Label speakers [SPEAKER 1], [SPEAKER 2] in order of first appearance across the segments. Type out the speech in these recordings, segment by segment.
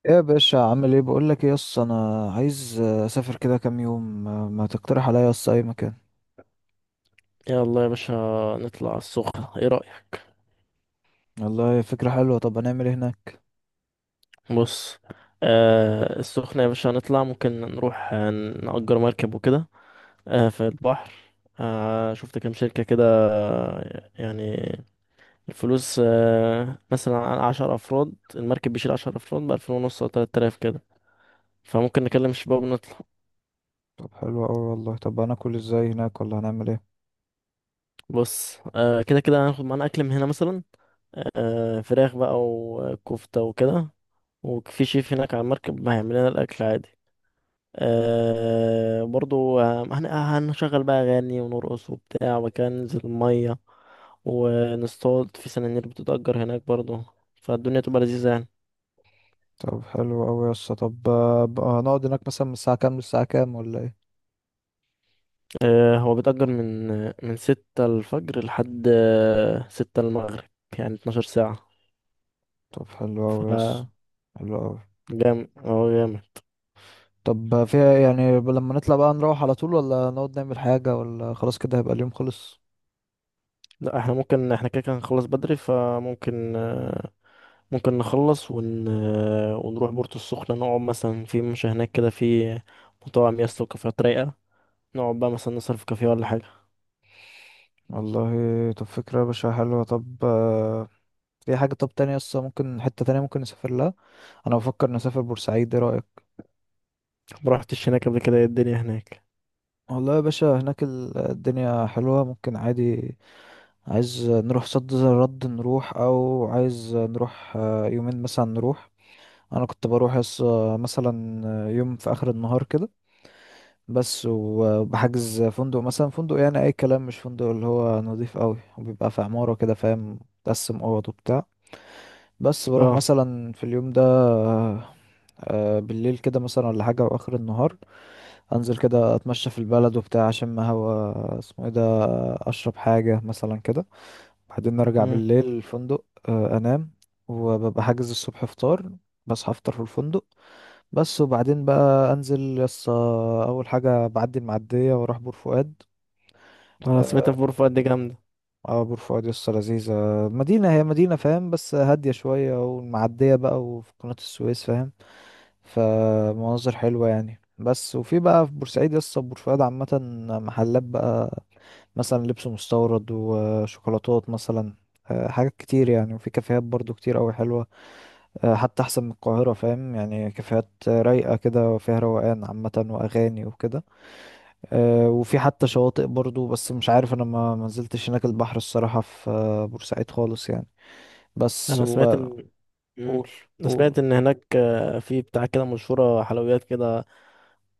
[SPEAKER 1] ايه يا باشا، عامل ايه؟ بقول لك ايه يس، انا عايز اسافر كده كام يوم. ما تقترح عليا يس اي مكان؟
[SPEAKER 2] يلا يا باشا، نطلع على السخنة، ايه رأيك؟
[SPEAKER 1] والله فكرة حلوة. طب هنعمل ايه هناك؟
[SPEAKER 2] بص. السخنة يا باشا، هنطلع، ممكن نروح نأجر مركب وكده. في البحر. شفت كام شركة كده. يعني الفلوس مثلا على 10 أفراد، المركب بيشيل 10 أفراد بألفين ونص أو 3000 كده. فممكن نكلم الشباب ونطلع.
[SPEAKER 1] طب حلو قوي والله. طب هناكل ازاي هناك ولا هنعمل ايه؟
[SPEAKER 2] بص. كده كده هناخد معانا أكل من هنا مثلا، فراخ بقى وكفتة وكده. وفي شيف هناك على المركب هيعمل لنا الأكل عادي. برضو، هنشغل بقى أغاني ونرقص وبتاع، وكان ننزل المية ونصطاد في سنانير بتتأجر هناك برضو، فالدنيا تبقى لذيذة يعني.
[SPEAKER 1] طب حلو قوي يس. طب بقى هنقعد هناك مثلا من الساعة كام للساعة كام ولا ايه؟
[SPEAKER 2] هو بيتأجر من 6 الفجر لحد 6 المغرب، يعني 12 ساعة.
[SPEAKER 1] طب حلو
[SPEAKER 2] ف
[SPEAKER 1] قوي يس. حلو قوي.
[SPEAKER 2] جامد، هو جامد.
[SPEAKER 1] طب فيها إيه؟ يعني لما نطلع بقى نروح على طول ولا نقعد نعمل حاجة ولا خلاص كده هيبقى اليوم خلص.
[SPEAKER 2] لا، احنا ممكن، احنا كده كده هنخلص بدري، فممكن آه، ممكن نخلص ون... آه، ونروح بورتو السخنة، نقعد مثلا في مش هناك كده، في مطاعم يا اسطى وكافيهات رايقة، نقعد بقى مثلا نسهر في كافيه ولا حاجة.
[SPEAKER 1] والله. طب فكرة يا باشا حلوة. طب في حاجة طب تانية يس، ممكن حتة تانية ممكن نسافر لها. انا بفكر نسافر بورسعيد، ايه رايك؟
[SPEAKER 2] ما رحتش هناك قبل كده، ايه الدنيا هناك؟
[SPEAKER 1] والله يا باشا هناك الدنيا حلوه، ممكن عادي. عايز نروح صد زي الرد نروح، او عايز نروح يومين مثلا نروح. انا كنت بروح مثلا يوم في اخر النهار كده، بس. وبحجز فندق مثلا، فندق يعني اي كلام، مش فندق اللي هو نظيف قوي، وبيبقى في عماره كده فاهم، تقسم اوض وبتاع. بس بروح
[SPEAKER 2] اه.
[SPEAKER 1] مثلا في اليوم ده بالليل كده مثلا ولا حاجه، واخر النهار انزل كده اتمشى في البلد وبتاع، اشم هوا اسمه ايه ده، اشرب حاجه مثلا كده. بعدين ارجع
[SPEAKER 2] مم.
[SPEAKER 1] بالليل الفندق انام. وببقى حاجز الصبح فطار، بصحى افطر في الفندق، بس. وبعدين بقى انزل يس اول حاجه بعدي المعديه واروح بور فؤاد.
[SPEAKER 2] انا سمعت
[SPEAKER 1] اه.
[SPEAKER 2] في بور فؤاد دي جامدة.
[SPEAKER 1] بور فؤاد يس لذيذه، مدينه، هي مدينه فاهم بس هاديه شويه، والمعديه بقى وفي قناه السويس فاهم، فمناظر حلوة يعني. بس وفي بقى في بورسعيد لسه بورسعيد عامة محلات بقى، مثلا لبس مستورد وشوكولاتات مثلا، حاجات كتير يعني. وفي كافيهات برضو كتير أوي حلوة، حتى أحسن من القاهرة فاهم، يعني كافيهات رايقة كده وفيها روقان عامة وأغاني وكده. وفي حتى شواطئ برضو، بس مش عارف أنا، ما منزلتش هناك البحر الصراحة في بورسعيد خالص يعني. بس
[SPEAKER 2] انا سمعت ان مم.
[SPEAKER 1] قول.
[SPEAKER 2] انا
[SPEAKER 1] قول.
[SPEAKER 2] سمعت ان هناك، في بتاع كده، مشهورة حلويات كده،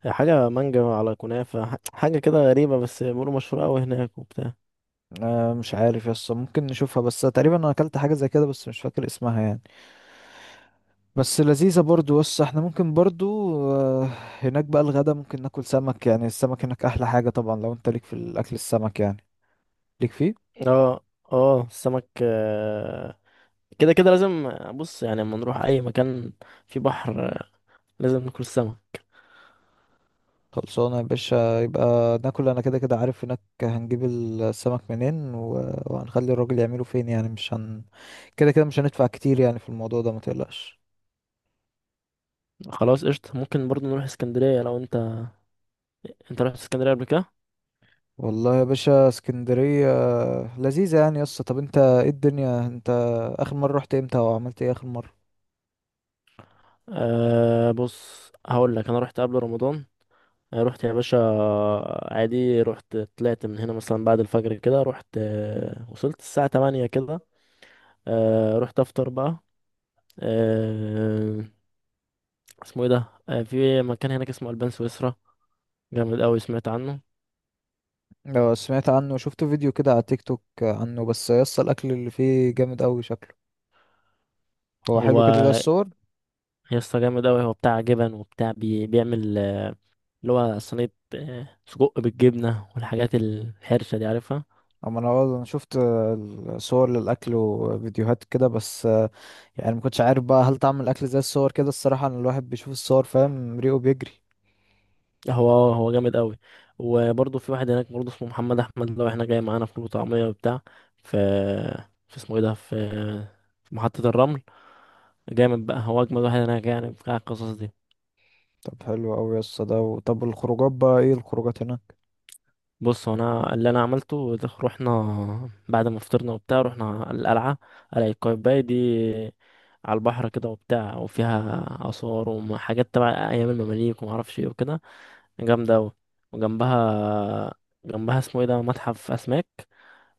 [SPEAKER 2] حاجة مانجا على كنافة، حاجة كده غريبة، بس بيقولوا مشهورة اوي هناك وبتاع.
[SPEAKER 1] آه مش عارف يس، ممكن نشوفها. بس تقريبا انا اكلت حاجه زي كده بس مش فاكر اسمها يعني، بس لذيذه برضو. بس احنا ممكن برضو آه، هناك بقى الغدا ممكن ناكل سمك، يعني السمك هناك احلى حاجه طبعا. لو انت ليك في الاكل السمك يعني، ليك فيه.
[SPEAKER 2] اه. اه، السمك كده كده لازم. بص، يعني لما نروح اي مكان في بحر، لازم ناكل سمك.
[SPEAKER 1] خلصانه يا باشا يبقى ناكل. انا كده كده عارف هناك هنجيب السمك منين وهنخلي الراجل يعمله فين، يعني مش كده كده مش هندفع كتير يعني في الموضوع ده، ما تقلقش.
[SPEAKER 2] خلاص قشطة، ممكن برضو نروح اسكندرية لو انت رحت اسكندرية قبل كده؟
[SPEAKER 1] والله يا باشا اسكندرية لذيذة يعني يا اسطى. طب انت، ايه الدنيا انت اخر مرة رحت امتى وعملت ايه اخر مرة؟
[SPEAKER 2] أه، بص، هقول لك، انا رحت قبل رمضان. أه، رحت يا باشا، عادي. رحت، طلعت من هنا مثلا بعد الفجر كده، رحت وصلت الساعة 8 كده. أه، رحت افطر بقى. أه، اسمه ايه ده، في مكان هناك اسمه البان سويسرا، جامد قوي، سمعت عنه.
[SPEAKER 1] لو سمعت عنه، شفت فيديو كده على تيك توك عنه، بس يا اسطى الاكل اللي فيه جامد قوي شكله، هو حلو كده ده
[SPEAKER 2] هو
[SPEAKER 1] الصور.
[SPEAKER 2] يا اسطى جامد قوي، هو بتاع جبن وبتاع، بيعمل اللي هو صينية، سجق بالجبنة والحاجات الحرشة دي عارفها.
[SPEAKER 1] اما انا، والله انا شفت الصور للاكل وفيديوهات كده بس، يعني ما كنتش عارف بقى هل طعم الاكل زي الصور كده. الصراحة ان الواحد بيشوف الصور فاهم، ريقه بيجري.
[SPEAKER 2] هو جامد قوي. وبرضه في واحد هناك برضه، اسمه محمد احمد، لو احنا جاي معانا فول وطعميه وبتاع، في في اسمه ايه ده، في محطه الرمل. جامد بقى، هو اجمد واحد هناك يعني، بتاع القصص دي.
[SPEAKER 1] طب حلو قوي يا اسطى ده. طب الخروجات بقى، ايه الخروجات هناك؟
[SPEAKER 2] بص، هو انا اللي انا عملته ده، رحنا بعد ما فطرنا وبتاع، رحنا القلعه، قلعه قايتباي دي، على البحر كده وبتاع، وفيها اثار وحاجات تبع ايام المماليك وما اعرفش ايه وكده، جامده قوي. وجنبها اسمه ايه ده، متحف اسماك،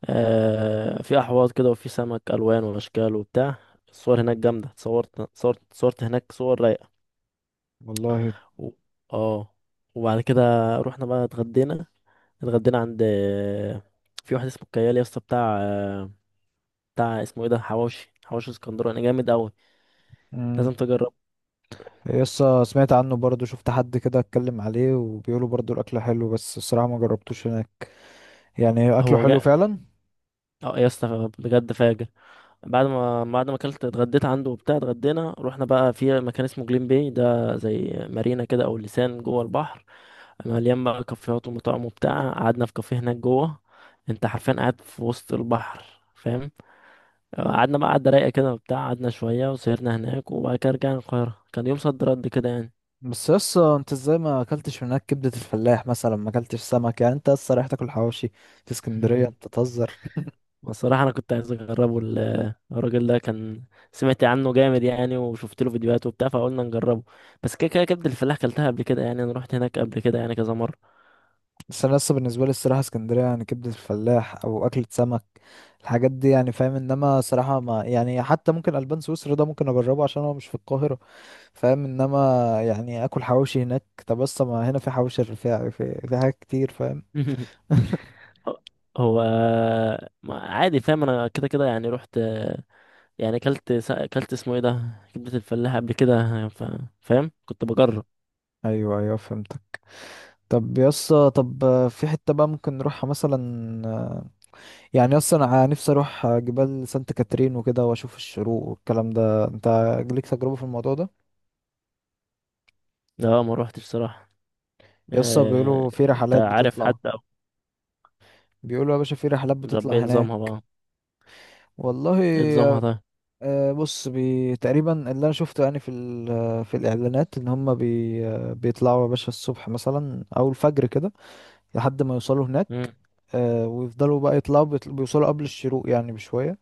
[SPEAKER 2] في احواض كده وفي سمك الوان واشكال وبتاع. الصور هناك جامده، اتصورت، صورت هناك صور رايقه.
[SPEAKER 1] والله.
[SPEAKER 2] و... اه وبعد كده رحنا بقى اتغدينا. اتغدينا عند في واحد اسمه كيال يا اسطى، بتاع اسمه ايه ده، حواوشي، حواوشي اسكندراني يعني جامد قوي.
[SPEAKER 1] مم.
[SPEAKER 2] لازم تجرب.
[SPEAKER 1] يسا سمعت عنه برضه، شفت حد كده اتكلم عليه وبيقولوا برضه الاكل حلو، بس الصراحه ما جربتوش هناك، يعني اكله
[SPEAKER 2] هو
[SPEAKER 1] حلو
[SPEAKER 2] جاء.
[SPEAKER 1] فعلا؟
[SPEAKER 2] اه يا اسطى، بجد فاجر. بعد ما اكلت، اتغديت عنده وبتاع، اتغدينا، رحنا بقى في مكان اسمه جليم باي ده، زي مارينا كده او لسان جوه البحر، مليان بقى كافيهات ومطاعم وبتاع، قعدنا في كافيه هناك جوه. انت حرفيا قاعد في وسط البحر، فاهم. قعدنا بقى قعدة رايقة كده وبتاع، قعدنا شوية وسهرنا هناك، وبعد كده رجعنا القاهرة، كان يوم صد رد كده يعني.
[SPEAKER 1] بس يسا انت ازاي ما اكلتش هناك كبده الفلاح مثلا، ما اكلتش سمك، يعني انت لسه رايح تاكل حواوشي في اسكندريه؟ انت تهزر.
[SPEAKER 2] بصراحة أنا كنت عايز أجربه، الراجل ده كان، سمعت عنه جامد يعني وشفت له فيديوهات وبتاع، فقلنا نجربه. بس كده كده كبد الفلاح كلتها قبل كده يعني، أنا رحت هناك قبل كده يعني كذا مرة.
[SPEAKER 1] بس انا لسه بالنسبه لي الصراحه اسكندريه يعني كبده الفلاح او اكله سمك، الحاجات دي يعني فاهم. انما صراحه ما يعني، حتى ممكن البان سويسرا ده ممكن اجربه عشان هو مش في القاهره فاهم. انما يعني اكل حواوشي هناك، طب بس ما هنا في حواوشي الرفاعي، في حاجات كتير فاهم.
[SPEAKER 2] هو عادي، فاهم. أنا كده كده يعني رحت، يعني اكلت اكلت اسمه ايه ده كبدة الفلاح قبل كده. فاهم، كنت بجرب.
[SPEAKER 1] ايوه ايوه فهمتك. طب يسا، طب في حتة بقى ممكن نروحها مثلا؟ يعني اصلا انا نفسي اروح جبال سانت كاترين وكده واشوف الشروق والكلام ده. انت ليك تجربة في الموضوع ده؟
[SPEAKER 2] لا، ما روحتش صراحة.
[SPEAKER 1] يسا بيقولوا في
[SPEAKER 2] آه... انت
[SPEAKER 1] رحلات
[SPEAKER 2] عارف حد
[SPEAKER 1] بتطلع.
[SPEAKER 2] او.
[SPEAKER 1] بيقولوا يا باشا في رحلات
[SPEAKER 2] طب
[SPEAKER 1] بتطلع
[SPEAKER 2] ايه
[SPEAKER 1] هناك.
[SPEAKER 2] نظامها بقى؟
[SPEAKER 1] والله
[SPEAKER 2] ايه نظامها ده؟
[SPEAKER 1] بص، تقريبا اللي انا شفته يعني في في الاعلانات ان هم بيطلعوا يا باشا الصبح مثلا او الفجر كده، لحد ما يوصلوا هناك.
[SPEAKER 2] مم.
[SPEAKER 1] ويفضلوا بقى يطلعوا، بيوصلوا قبل الشروق يعني بشوية.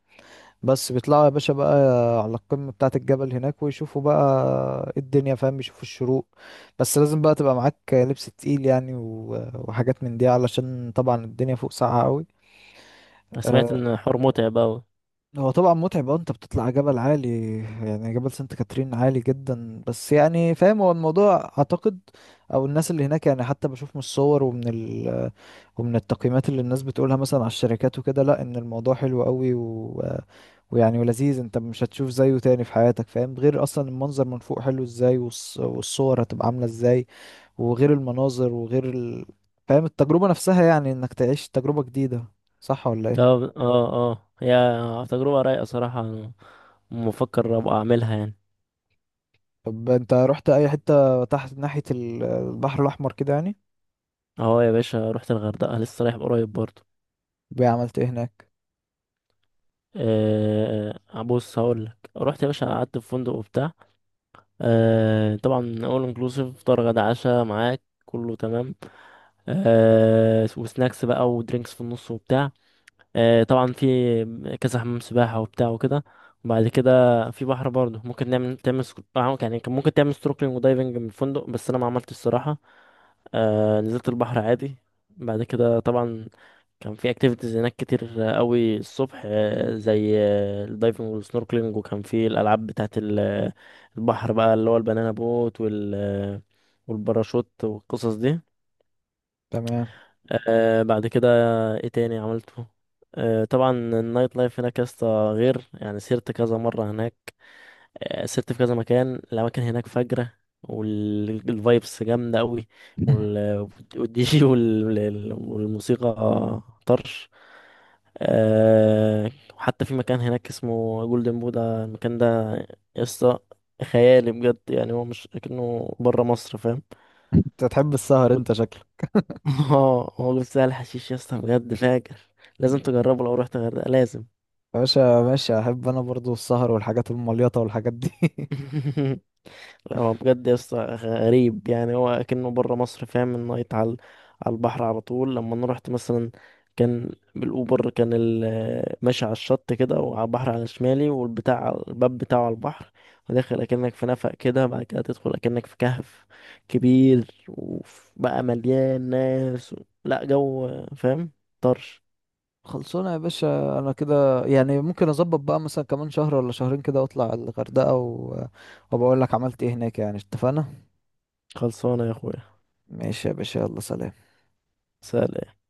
[SPEAKER 1] بس بيطلعوا يا باشا بقى على القمة بتاعة الجبل هناك، ويشوفوا بقى الدنيا فاهم، يشوفوا الشروق. بس لازم بقى تبقى معاك لبس تقيل يعني وحاجات من دي، علشان طبعا الدنيا فوق ساقعة قوي.
[SPEAKER 2] انا سمعت ان حوار متعب اوي.
[SPEAKER 1] هو طبعا متعب، اه، انت بتطلع جبل عالي يعني، جبل سانت كاترين عالي جدا. بس يعني فاهم، هو الموضوع اعتقد او الناس اللي هناك يعني، حتى بشوف من الصور ومن ومن التقييمات اللي الناس بتقولها مثلا على الشركات وكده، لا، ان الموضوع حلو قوي ويعني ولذيذ، انت مش هتشوف زيه تاني في حياتك فاهم. غير اصلا المنظر من فوق حلو ازاي، والصور هتبقى عاملة ازاي، وغير المناظر وغير فاهم التجربة نفسها يعني، انك تعيش تجربة جديدة، صح ولا ايه؟
[SPEAKER 2] اه، اه، اه، هي تجربة رايقة صراحة، أنا مفكر ابقى اعملها يعني.
[SPEAKER 1] طب انت رحت اي حتة تحت ناحية البحر الاحمر كده يعني؟
[SPEAKER 2] اهو يا باشا، رحت الغردقة لسه رايح قريب برضه.
[SPEAKER 1] بقى عملت ايه هناك؟
[SPEAKER 2] أه، بص، هقول لك، رحت يا باشا، قعدت في فندق وبتاع. أه، طبعا اول انكلوسيف، فطار غدا عشاء معاك كله تمام. وسناكس بقى ودرينكس في النص وبتاع. طبعا في كذا حمام سباحة وبتاع وكده. وبعد كده في بحر برضه، ممكن تعمل يعني كان ممكن تعمل سnorkeling ودايفنج من الفندق، بس انا ما عملتش الصراحة. نزلت البحر عادي. بعد كده طبعا كان في اكتيفيتيز هناك كتير قوي الصبح، زي الدايفنج والسنوركلينج، وكان في الالعاب بتاعه البحر بقى، اللي هو البنانا بوت، والباراشوت والقصص دي.
[SPEAKER 1] تمام.
[SPEAKER 2] بعد كده ايه تاني عملته؟ طبعا النايت لايف هناك يا اسطى، غير يعني سيرت كذا مرة هناك. سيرت في كذا مكان، الأماكن هناك فجرة، والفايبس جامدة أوي، وال- والدي جي والموسيقى طرش. وحتى في مكان هناك اسمه جولدن بودا، المكان ده يا اسطى خيالي بجد يعني، هو مش كأنه بره مصر، فاهم.
[SPEAKER 1] انت تحب السهر انت شكلك.
[SPEAKER 2] اه، هو جبت سهل حشيش يا اسطى، بجد فاجر،
[SPEAKER 1] يا
[SPEAKER 2] لازم تجربه، لو رحت الغردقة لازم.
[SPEAKER 1] باشا ماشي، احب انا برضو السهر والحاجات المليطة والحاجات دي.
[SPEAKER 2] لا، هو بجد يا اسطى غريب يعني، هو كأنه بره مصر، فاهم، النايت على البحر على طول. لما انا رحت مثلا، كان بالاوبر، كان ماشي على الشط كده، وعلى البحر على شمالي، والبتاع الباب بتاعه على البحر، وداخل اكنك في نفق كده، بعد كده تدخل اكنك في كهف كبير وبقى مليان ناس لا، جو، فاهم، طرش.
[SPEAKER 1] خلصونا يا باشا. انا كده يعني ممكن اظبط بقى مثلا كمان شهر ولا شهرين كده واطلع الغردقة وبقول لك عملت ايه هناك يعني. اتفقنا.
[SPEAKER 2] خلصانه يا اخويا.
[SPEAKER 1] ماشي يا باشا، يلا سلام.
[SPEAKER 2] سلام.